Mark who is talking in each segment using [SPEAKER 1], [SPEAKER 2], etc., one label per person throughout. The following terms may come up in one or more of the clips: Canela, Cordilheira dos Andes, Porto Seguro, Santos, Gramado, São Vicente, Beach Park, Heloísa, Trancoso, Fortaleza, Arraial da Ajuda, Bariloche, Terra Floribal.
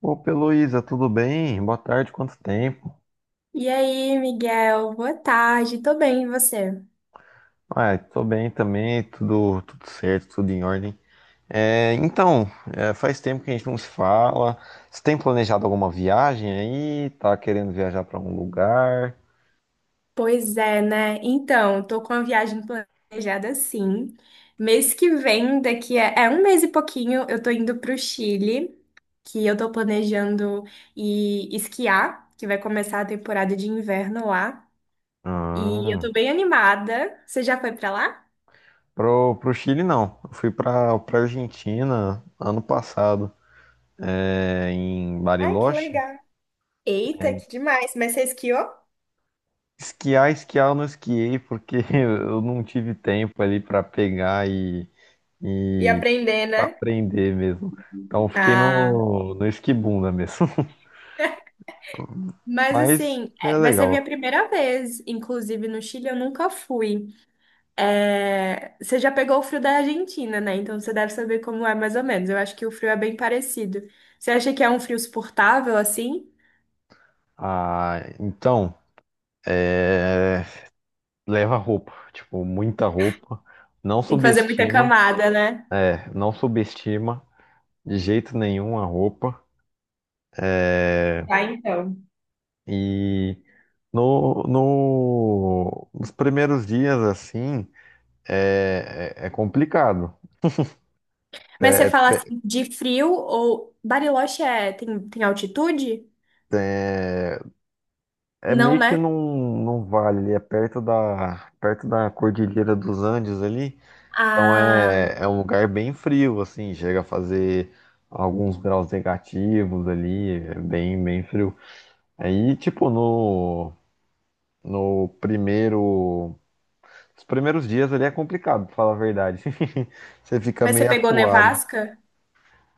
[SPEAKER 1] Opa, Heloísa, tudo bem? Boa tarde, quanto tempo?
[SPEAKER 2] E aí, Miguel? Boa tarde, tô bem, e você?
[SPEAKER 1] Ah, tô bem também, tudo certo, tudo em ordem. Então, faz tempo que a gente não se fala. Você tem planejado alguma viagem aí? Tá querendo viajar para algum lugar?
[SPEAKER 2] Pois é, né? Então, tô com a viagem planejada sim. Mês que vem, daqui a um mês e pouquinho, eu tô indo pro Chile, que eu tô planejando ir esquiar, que vai começar a temporada de inverno lá. E eu
[SPEAKER 1] Ah,
[SPEAKER 2] tô bem animada. Você já foi pra lá?
[SPEAKER 1] pro Chile não. Eu fui pra Argentina ano passado, em
[SPEAKER 2] Ai, que
[SPEAKER 1] Bariloche.
[SPEAKER 2] legal. Eita,
[SPEAKER 1] É,
[SPEAKER 2] que demais. Mas você esquiou?
[SPEAKER 1] Esquiar, esquiar eu não esquiei porque eu não tive tempo ali para pegar
[SPEAKER 2] E
[SPEAKER 1] e
[SPEAKER 2] aprender,
[SPEAKER 1] Pra
[SPEAKER 2] né?
[SPEAKER 1] aprender mesmo. Então fiquei
[SPEAKER 2] Ah,
[SPEAKER 1] no esquibunda mesmo.
[SPEAKER 2] mas
[SPEAKER 1] Mas
[SPEAKER 2] assim,
[SPEAKER 1] é
[SPEAKER 2] vai ser a minha
[SPEAKER 1] legal.
[SPEAKER 2] primeira vez, inclusive no Chile eu nunca fui. É, você já pegou o frio da Argentina, né? Então você deve saber como é mais ou menos. Eu acho que o frio é bem parecido. Você acha que é um frio suportável assim?
[SPEAKER 1] Ah, então, é, leva roupa, tipo, muita roupa. Não
[SPEAKER 2] Tem que fazer muita
[SPEAKER 1] subestima,
[SPEAKER 2] camada, né?
[SPEAKER 1] não subestima de jeito nenhum a roupa. É,
[SPEAKER 2] Tá, então.
[SPEAKER 1] e no, no, nos primeiros dias, assim, é complicado.
[SPEAKER 2] Mas você
[SPEAKER 1] É,
[SPEAKER 2] fala assim de frio ou Bariloche tem altitude?
[SPEAKER 1] é, é, É
[SPEAKER 2] Não,
[SPEAKER 1] meio que
[SPEAKER 2] né?
[SPEAKER 1] num vale, ali é perto da Cordilheira dos Andes ali. Então
[SPEAKER 2] Ah,
[SPEAKER 1] é um lugar bem frio, assim, chega a fazer alguns graus negativos ali, é bem, bem frio. Aí, tipo, no, no primeiro, os primeiros dias ali é complicado, pra falar a verdade. Você fica
[SPEAKER 2] mas você
[SPEAKER 1] meio
[SPEAKER 2] pegou
[SPEAKER 1] acuado.
[SPEAKER 2] nevasca?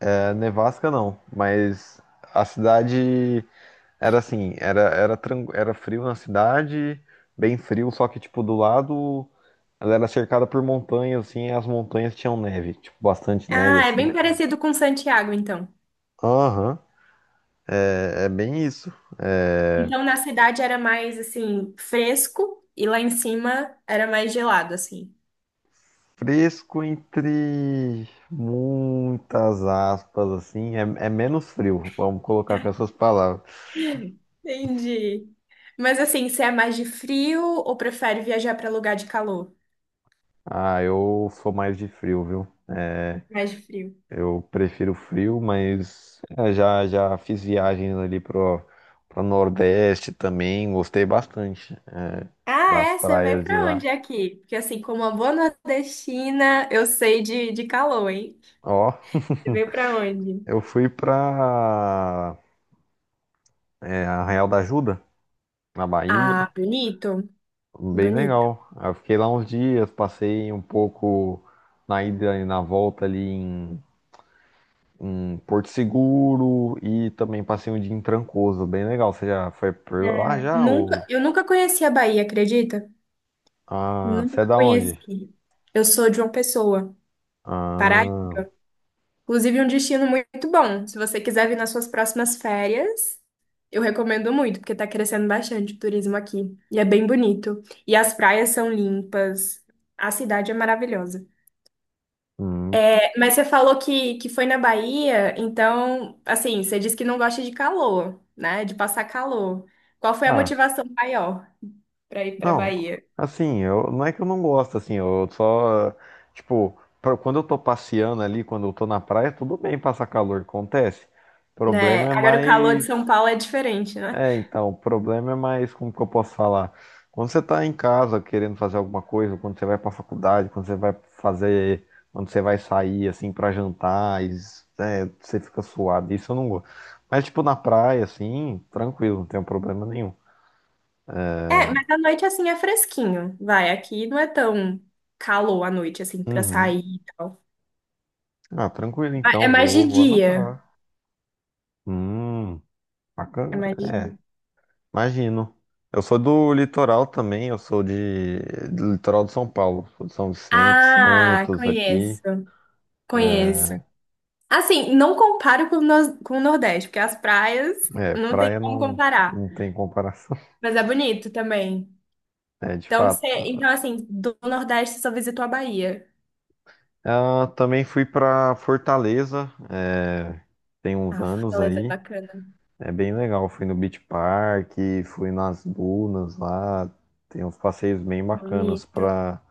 [SPEAKER 1] Nevasca não, mas a cidade Era assim, era, era, tran- era frio na cidade, bem frio, só que, tipo, do lado ela era cercada por montanhas, assim, e as montanhas tinham neve, tipo, bastante neve,
[SPEAKER 2] Ah, é bem
[SPEAKER 1] assim.
[SPEAKER 2] parecido com Santiago, então.
[SPEAKER 1] Aham, é bem isso. É
[SPEAKER 2] Então, na cidade era mais, assim, fresco e lá em cima era mais gelado, assim.
[SPEAKER 1] fresco entre muitas aspas, assim, é menos frio, vamos colocar com essas palavras.
[SPEAKER 2] Entendi. Mas, assim, você é mais de frio ou prefere viajar para lugar de calor?
[SPEAKER 1] Ah, eu sou mais de frio, viu? É,
[SPEAKER 2] Mais de frio.
[SPEAKER 1] Eu prefiro frio, mas já já fiz viagens ali pro Nordeste também, gostei bastante,
[SPEAKER 2] Ah,
[SPEAKER 1] das
[SPEAKER 2] é? Você veio
[SPEAKER 1] praias de
[SPEAKER 2] para
[SPEAKER 1] lá.
[SPEAKER 2] onde aqui? Porque, assim, como uma boa nordestina, eu sei de calor, hein?
[SPEAKER 1] Ó,
[SPEAKER 2] Você veio para onde?
[SPEAKER 1] eu fui pra Arraial da Ajuda, na Bahia,
[SPEAKER 2] Ah, bonito.
[SPEAKER 1] bem
[SPEAKER 2] Bonito.
[SPEAKER 1] legal. Eu fiquei lá uns dias, passei um pouco na ida e na volta ali em Porto Seguro e também passei um dia em Trancoso, bem legal. Você já foi por lá
[SPEAKER 2] É.
[SPEAKER 1] já?
[SPEAKER 2] Nunca,
[SPEAKER 1] Ou,
[SPEAKER 2] eu nunca conheci a Bahia, acredita?
[SPEAKER 1] ah,
[SPEAKER 2] Nunca
[SPEAKER 1] você é da onde?
[SPEAKER 2] conheci. Eu sou de uma pessoa. Pará.
[SPEAKER 1] Ah,
[SPEAKER 2] Inclusive, um destino muito bom. Se você quiser vir nas suas próximas férias, eu recomendo muito, porque tá crescendo bastante o turismo aqui. E é bem bonito. E as praias são limpas. A cidade é maravilhosa.
[SPEAKER 1] hum,
[SPEAKER 2] É, mas você falou que foi na Bahia, então, assim, você disse que não gosta de calor, né? De passar calor. Qual foi a
[SPEAKER 1] ah,
[SPEAKER 2] motivação maior para ir para
[SPEAKER 1] não,
[SPEAKER 2] Bahia?
[SPEAKER 1] assim, não é que eu não gosto, assim, eu só, tipo, quando eu tô passeando ali, quando eu tô na praia, tudo bem passar calor, acontece. O
[SPEAKER 2] Né?
[SPEAKER 1] problema é
[SPEAKER 2] Agora, o calor de São
[SPEAKER 1] mais,
[SPEAKER 2] Paulo é diferente, né?
[SPEAKER 1] o problema é mais, como que eu posso falar? Quando você tá em casa querendo fazer alguma coisa, quando você vai pra faculdade, quando você vai sair, assim, pra jantar, e, você fica suado, isso eu não gosto. Mas, tipo, na praia, assim, tranquilo, não tem problema nenhum.
[SPEAKER 2] É, mas à noite assim é fresquinho. Vai, aqui não é tão calor à noite assim pra
[SPEAKER 1] Uhum.
[SPEAKER 2] sair e tal.
[SPEAKER 1] Ah, tranquilo
[SPEAKER 2] É
[SPEAKER 1] então,
[SPEAKER 2] mais
[SPEAKER 1] vou,
[SPEAKER 2] de
[SPEAKER 1] vou
[SPEAKER 2] dia.
[SPEAKER 1] anotar. Hum,
[SPEAKER 2] É
[SPEAKER 1] bacana.
[SPEAKER 2] mais de
[SPEAKER 1] É,
[SPEAKER 2] dia.
[SPEAKER 1] imagino. Eu sou do litoral também, do litoral de São Paulo, sou de São Vicente,
[SPEAKER 2] Ah,
[SPEAKER 1] Santos aqui.
[SPEAKER 2] conheço. Conheço.
[SPEAKER 1] É,
[SPEAKER 2] Assim, não comparo com o com o Nordeste, porque as praias não tem
[SPEAKER 1] praia
[SPEAKER 2] como
[SPEAKER 1] não,
[SPEAKER 2] comparar.
[SPEAKER 1] não tem comparação,
[SPEAKER 2] Mas é bonito também.
[SPEAKER 1] de
[SPEAKER 2] Então, você,
[SPEAKER 1] fato.
[SPEAKER 2] então assim, do Nordeste você só visitou a Bahia.
[SPEAKER 1] Ah, também fui pra Fortaleza, tem uns
[SPEAKER 2] Ah,
[SPEAKER 1] anos
[SPEAKER 2] Fortaleza é
[SPEAKER 1] aí,
[SPEAKER 2] bacana.
[SPEAKER 1] é bem legal. Fui no Beach Park, fui nas dunas lá, tem uns passeios bem bacanas
[SPEAKER 2] Bonito.
[SPEAKER 1] pra.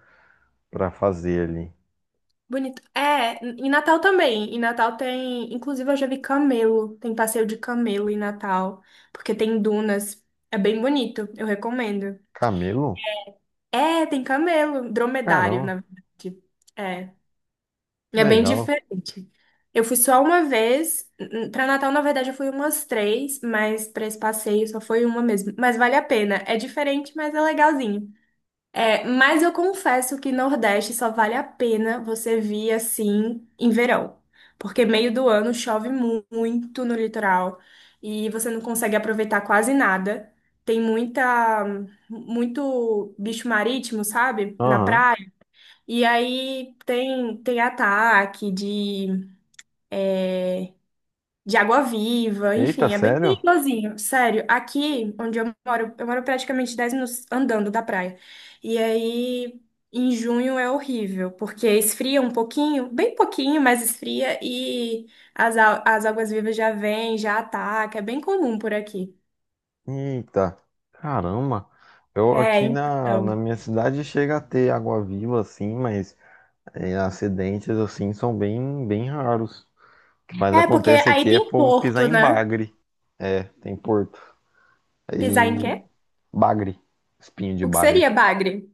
[SPEAKER 1] pra fazer ali.
[SPEAKER 2] Bonito. É, em Natal também. Em Natal tem. Inclusive, eu já vi camelo. Tem passeio de camelo em Natal. Porque tem dunas. É bem bonito. Eu recomendo.
[SPEAKER 1] Camelo?
[SPEAKER 2] É, tem camelo. Dromedário, na
[SPEAKER 1] Caramba,
[SPEAKER 2] verdade. É. É bem
[SPEAKER 1] legal.
[SPEAKER 2] diferente. Eu fui só uma vez. Para Natal, na verdade, eu fui umas três. Mas para esse passeio só foi uma mesmo. Mas vale a pena. É diferente, mas é legalzinho. É, mas eu confesso que Nordeste só vale a pena você vir assim em verão, porque meio do ano chove muito no litoral e você não consegue aproveitar quase nada. Tem muita, muito bicho marítimo, sabe? Na
[SPEAKER 1] Aham.
[SPEAKER 2] praia. E aí tem, ataque de água-viva,
[SPEAKER 1] Eita,
[SPEAKER 2] enfim, é bem
[SPEAKER 1] sério?
[SPEAKER 2] perigosinho, sério. Aqui onde eu moro praticamente 10 minutos andando da praia. E aí, em junho é horrível, porque esfria um pouquinho, bem pouquinho, mas esfria e as águas-vivas já vêm, já ataca, é bem comum por aqui.
[SPEAKER 1] Eita, caramba. Eu
[SPEAKER 2] É,
[SPEAKER 1] aqui na
[SPEAKER 2] então.
[SPEAKER 1] minha cidade chega a ter água viva, assim, mas, acidentes assim são bem, bem raros. O que mais
[SPEAKER 2] É, porque
[SPEAKER 1] acontece
[SPEAKER 2] aí
[SPEAKER 1] aqui é
[SPEAKER 2] tem
[SPEAKER 1] povo pisar
[SPEAKER 2] porto,
[SPEAKER 1] em
[SPEAKER 2] né?
[SPEAKER 1] bagre. É, tem porto.
[SPEAKER 2] Pisar em
[SPEAKER 1] Aí,
[SPEAKER 2] quê?
[SPEAKER 1] bagre, espinho de
[SPEAKER 2] O que
[SPEAKER 1] bagre.
[SPEAKER 2] seria bagre?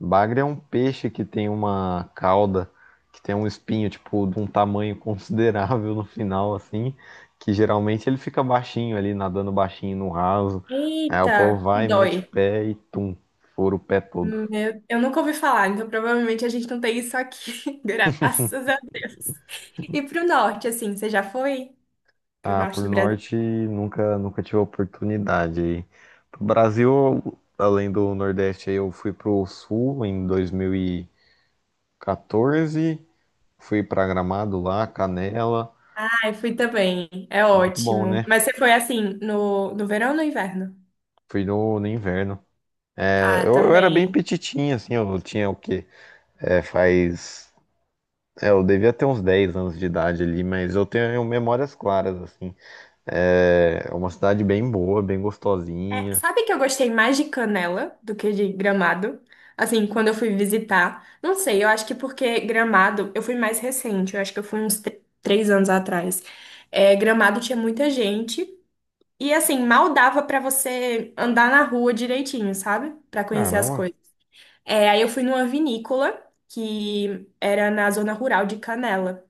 [SPEAKER 1] Bagre é um peixe que tem uma cauda, que tem um espinho, tipo, de um tamanho considerável no final, assim, que geralmente ele fica baixinho ali, nadando baixinho no raso. Aí o povo
[SPEAKER 2] Eita, que
[SPEAKER 1] vai, mete o
[SPEAKER 2] dói.
[SPEAKER 1] pé e tum, fura o pé todo.
[SPEAKER 2] Eu nunca ouvi falar, então provavelmente a gente não tem isso aqui, graças a Deus. E pro norte, assim, você já foi? Pro
[SPEAKER 1] Ah,
[SPEAKER 2] norte
[SPEAKER 1] pro
[SPEAKER 2] do Brasil?
[SPEAKER 1] norte nunca tive oportunidade aí. Pro Brasil, além do Nordeste, aí eu fui pro Sul em 2014, fui pra Gramado lá, Canela,
[SPEAKER 2] Ai, fui também, é
[SPEAKER 1] muito bom,
[SPEAKER 2] ótimo.
[SPEAKER 1] né?
[SPEAKER 2] Mas você foi, assim, no, no verão ou no inverno?
[SPEAKER 1] Fui no inverno. É,
[SPEAKER 2] Ah,
[SPEAKER 1] Eu, eu era bem
[SPEAKER 2] também.
[SPEAKER 1] petitinho, assim, eu tinha o quê? É, faz. Eu devia ter uns 10 anos de idade ali, mas eu tenho memórias claras, assim. É uma cidade bem boa, bem
[SPEAKER 2] É,
[SPEAKER 1] gostosinha.
[SPEAKER 2] sabe que eu gostei mais de Canela do que de Gramado? Assim, quando eu fui visitar. Não sei, eu acho que porque Gramado, eu fui mais recente, eu acho que eu fui uns 3 anos atrás. É, Gramado tinha muita gente. E assim, mal dava pra você andar na rua direitinho, sabe? Pra conhecer as
[SPEAKER 1] Caramba.
[SPEAKER 2] coisas. É, aí eu fui numa vinícola que era na zona rural de Canela.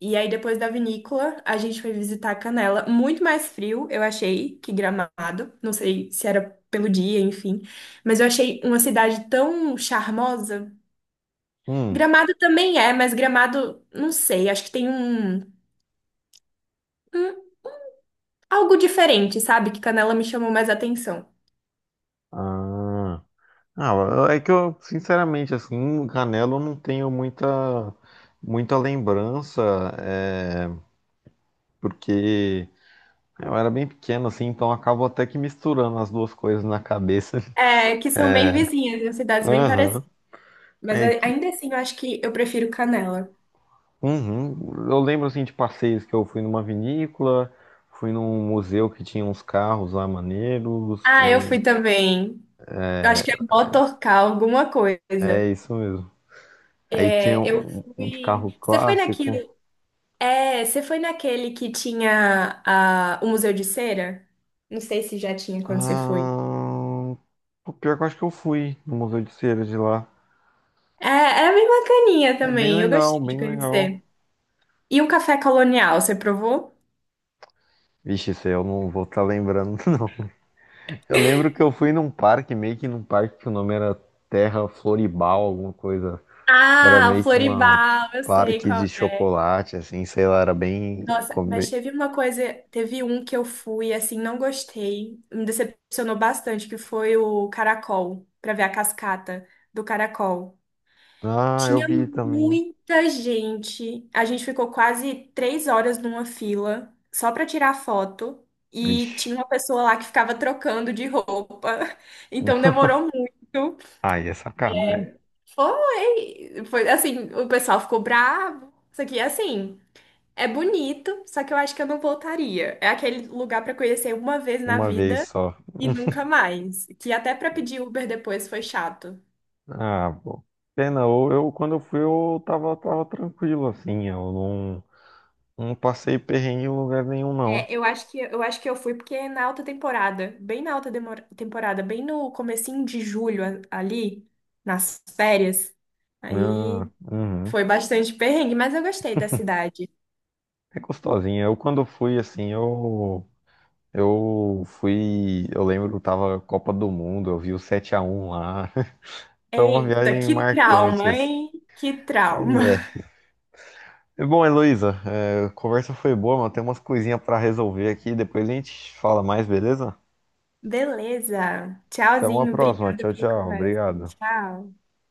[SPEAKER 2] E aí depois da vinícola, a gente foi visitar Canela, muito mais frio, eu achei, que Gramado. Não sei se era pelo dia, enfim, mas eu achei uma cidade tão charmosa.
[SPEAKER 1] Hum.
[SPEAKER 2] Gramado também é, mas Gramado, não sei, acho que tem um, um algo diferente, sabe? Que Canela me chamou mais atenção.
[SPEAKER 1] Ah. Ah, é que eu, sinceramente, assim, Canela eu não tenho muita, muita lembrança, é, porque eu era bem pequeno, assim, então eu acabo até que misturando as duas coisas na cabeça.
[SPEAKER 2] É, que são bem vizinhas, em cidades bem parecidas.
[SPEAKER 1] Aham.
[SPEAKER 2] Mas
[SPEAKER 1] É que
[SPEAKER 2] ainda assim, eu acho que eu prefiro Canela.
[SPEAKER 1] Uhum. Eu lembro assim de passeios que eu fui numa vinícola, fui num museu que tinha uns carros lá maneiros.
[SPEAKER 2] Ah, eu fui também. Eu acho que é Motorcar, alguma coisa.
[SPEAKER 1] É isso mesmo. Aí tinha
[SPEAKER 2] É, eu
[SPEAKER 1] um de
[SPEAKER 2] fui.
[SPEAKER 1] carro
[SPEAKER 2] Você foi
[SPEAKER 1] clássico.
[SPEAKER 2] naquele. É, você foi naquele que tinha a o Museu de Cera? Não sei se já tinha quando você foi.
[SPEAKER 1] Ah, o pior que eu acho que eu fui no Museu de Cera de lá.
[SPEAKER 2] É, é bem bacaninha
[SPEAKER 1] É bem
[SPEAKER 2] também. Eu
[SPEAKER 1] legal,
[SPEAKER 2] gostei de
[SPEAKER 1] bem legal.
[SPEAKER 2] conhecer. E o café colonial, você provou?
[SPEAKER 1] Vixe, isso aí eu não vou estar lembrando, não. Eu lembro que eu fui meio que num parque que o nome era Terra Floribal, alguma coisa. Era
[SPEAKER 2] Ah, o
[SPEAKER 1] meio que um
[SPEAKER 2] Floribal, eu sei
[SPEAKER 1] parque
[SPEAKER 2] qual.
[SPEAKER 1] de chocolate, assim, sei lá, era bem.
[SPEAKER 2] Nossa, mas teve uma coisa, teve um que eu fui, assim, não gostei, me decepcionou bastante, que foi o caracol, pra ver a cascata do caracol.
[SPEAKER 1] Ah, eu
[SPEAKER 2] Tinha
[SPEAKER 1] vi também.
[SPEAKER 2] muita gente, a gente ficou quase 3 horas numa fila, só pra tirar foto, e
[SPEAKER 1] Vixe.
[SPEAKER 2] tinha uma pessoa lá que ficava trocando de roupa, então demorou muito.
[SPEAKER 1] Ai, é sacanagem.
[SPEAKER 2] Foi, foi assim, o pessoal ficou bravo, isso aqui é assim. É bonito, só que eu acho que eu não voltaria. É aquele lugar pra conhecer uma vez na
[SPEAKER 1] Uma vez
[SPEAKER 2] vida
[SPEAKER 1] só.
[SPEAKER 2] e nunca mais. Que até pra pedir Uber depois foi chato.
[SPEAKER 1] Ah, pô. Pena, quando eu fui eu tava tranquilo, assim, eu não passei perrengue em lugar nenhum, não.
[SPEAKER 2] É, eu acho que eu fui porque é na alta temporada, bem na alta temporada, bem no comecinho de julho ali, nas férias,
[SPEAKER 1] Ah,
[SPEAKER 2] aí
[SPEAKER 1] uhum.
[SPEAKER 2] foi bastante perrengue, mas eu gostei da cidade.
[SPEAKER 1] É gostosinha. Eu quando fui, assim, eu fui, eu lembro, tava Copa do Mundo, eu vi o 7x1 lá. Foi uma
[SPEAKER 2] Eita,
[SPEAKER 1] viagem
[SPEAKER 2] que
[SPEAKER 1] marcante,
[SPEAKER 2] trauma,
[SPEAKER 1] assim.
[SPEAKER 2] hein? Que
[SPEAKER 1] Pois
[SPEAKER 2] trauma.
[SPEAKER 1] é. Bom, Heloísa, a conversa foi boa, mas tem umas coisinhas para resolver aqui. Depois a gente fala mais, beleza?
[SPEAKER 2] Beleza.
[SPEAKER 1] Até uma
[SPEAKER 2] Tchauzinho,
[SPEAKER 1] próxima.
[SPEAKER 2] obrigada
[SPEAKER 1] Tchau,
[SPEAKER 2] pela
[SPEAKER 1] tchau.
[SPEAKER 2] conversa.
[SPEAKER 1] Obrigado.
[SPEAKER 2] Tchau.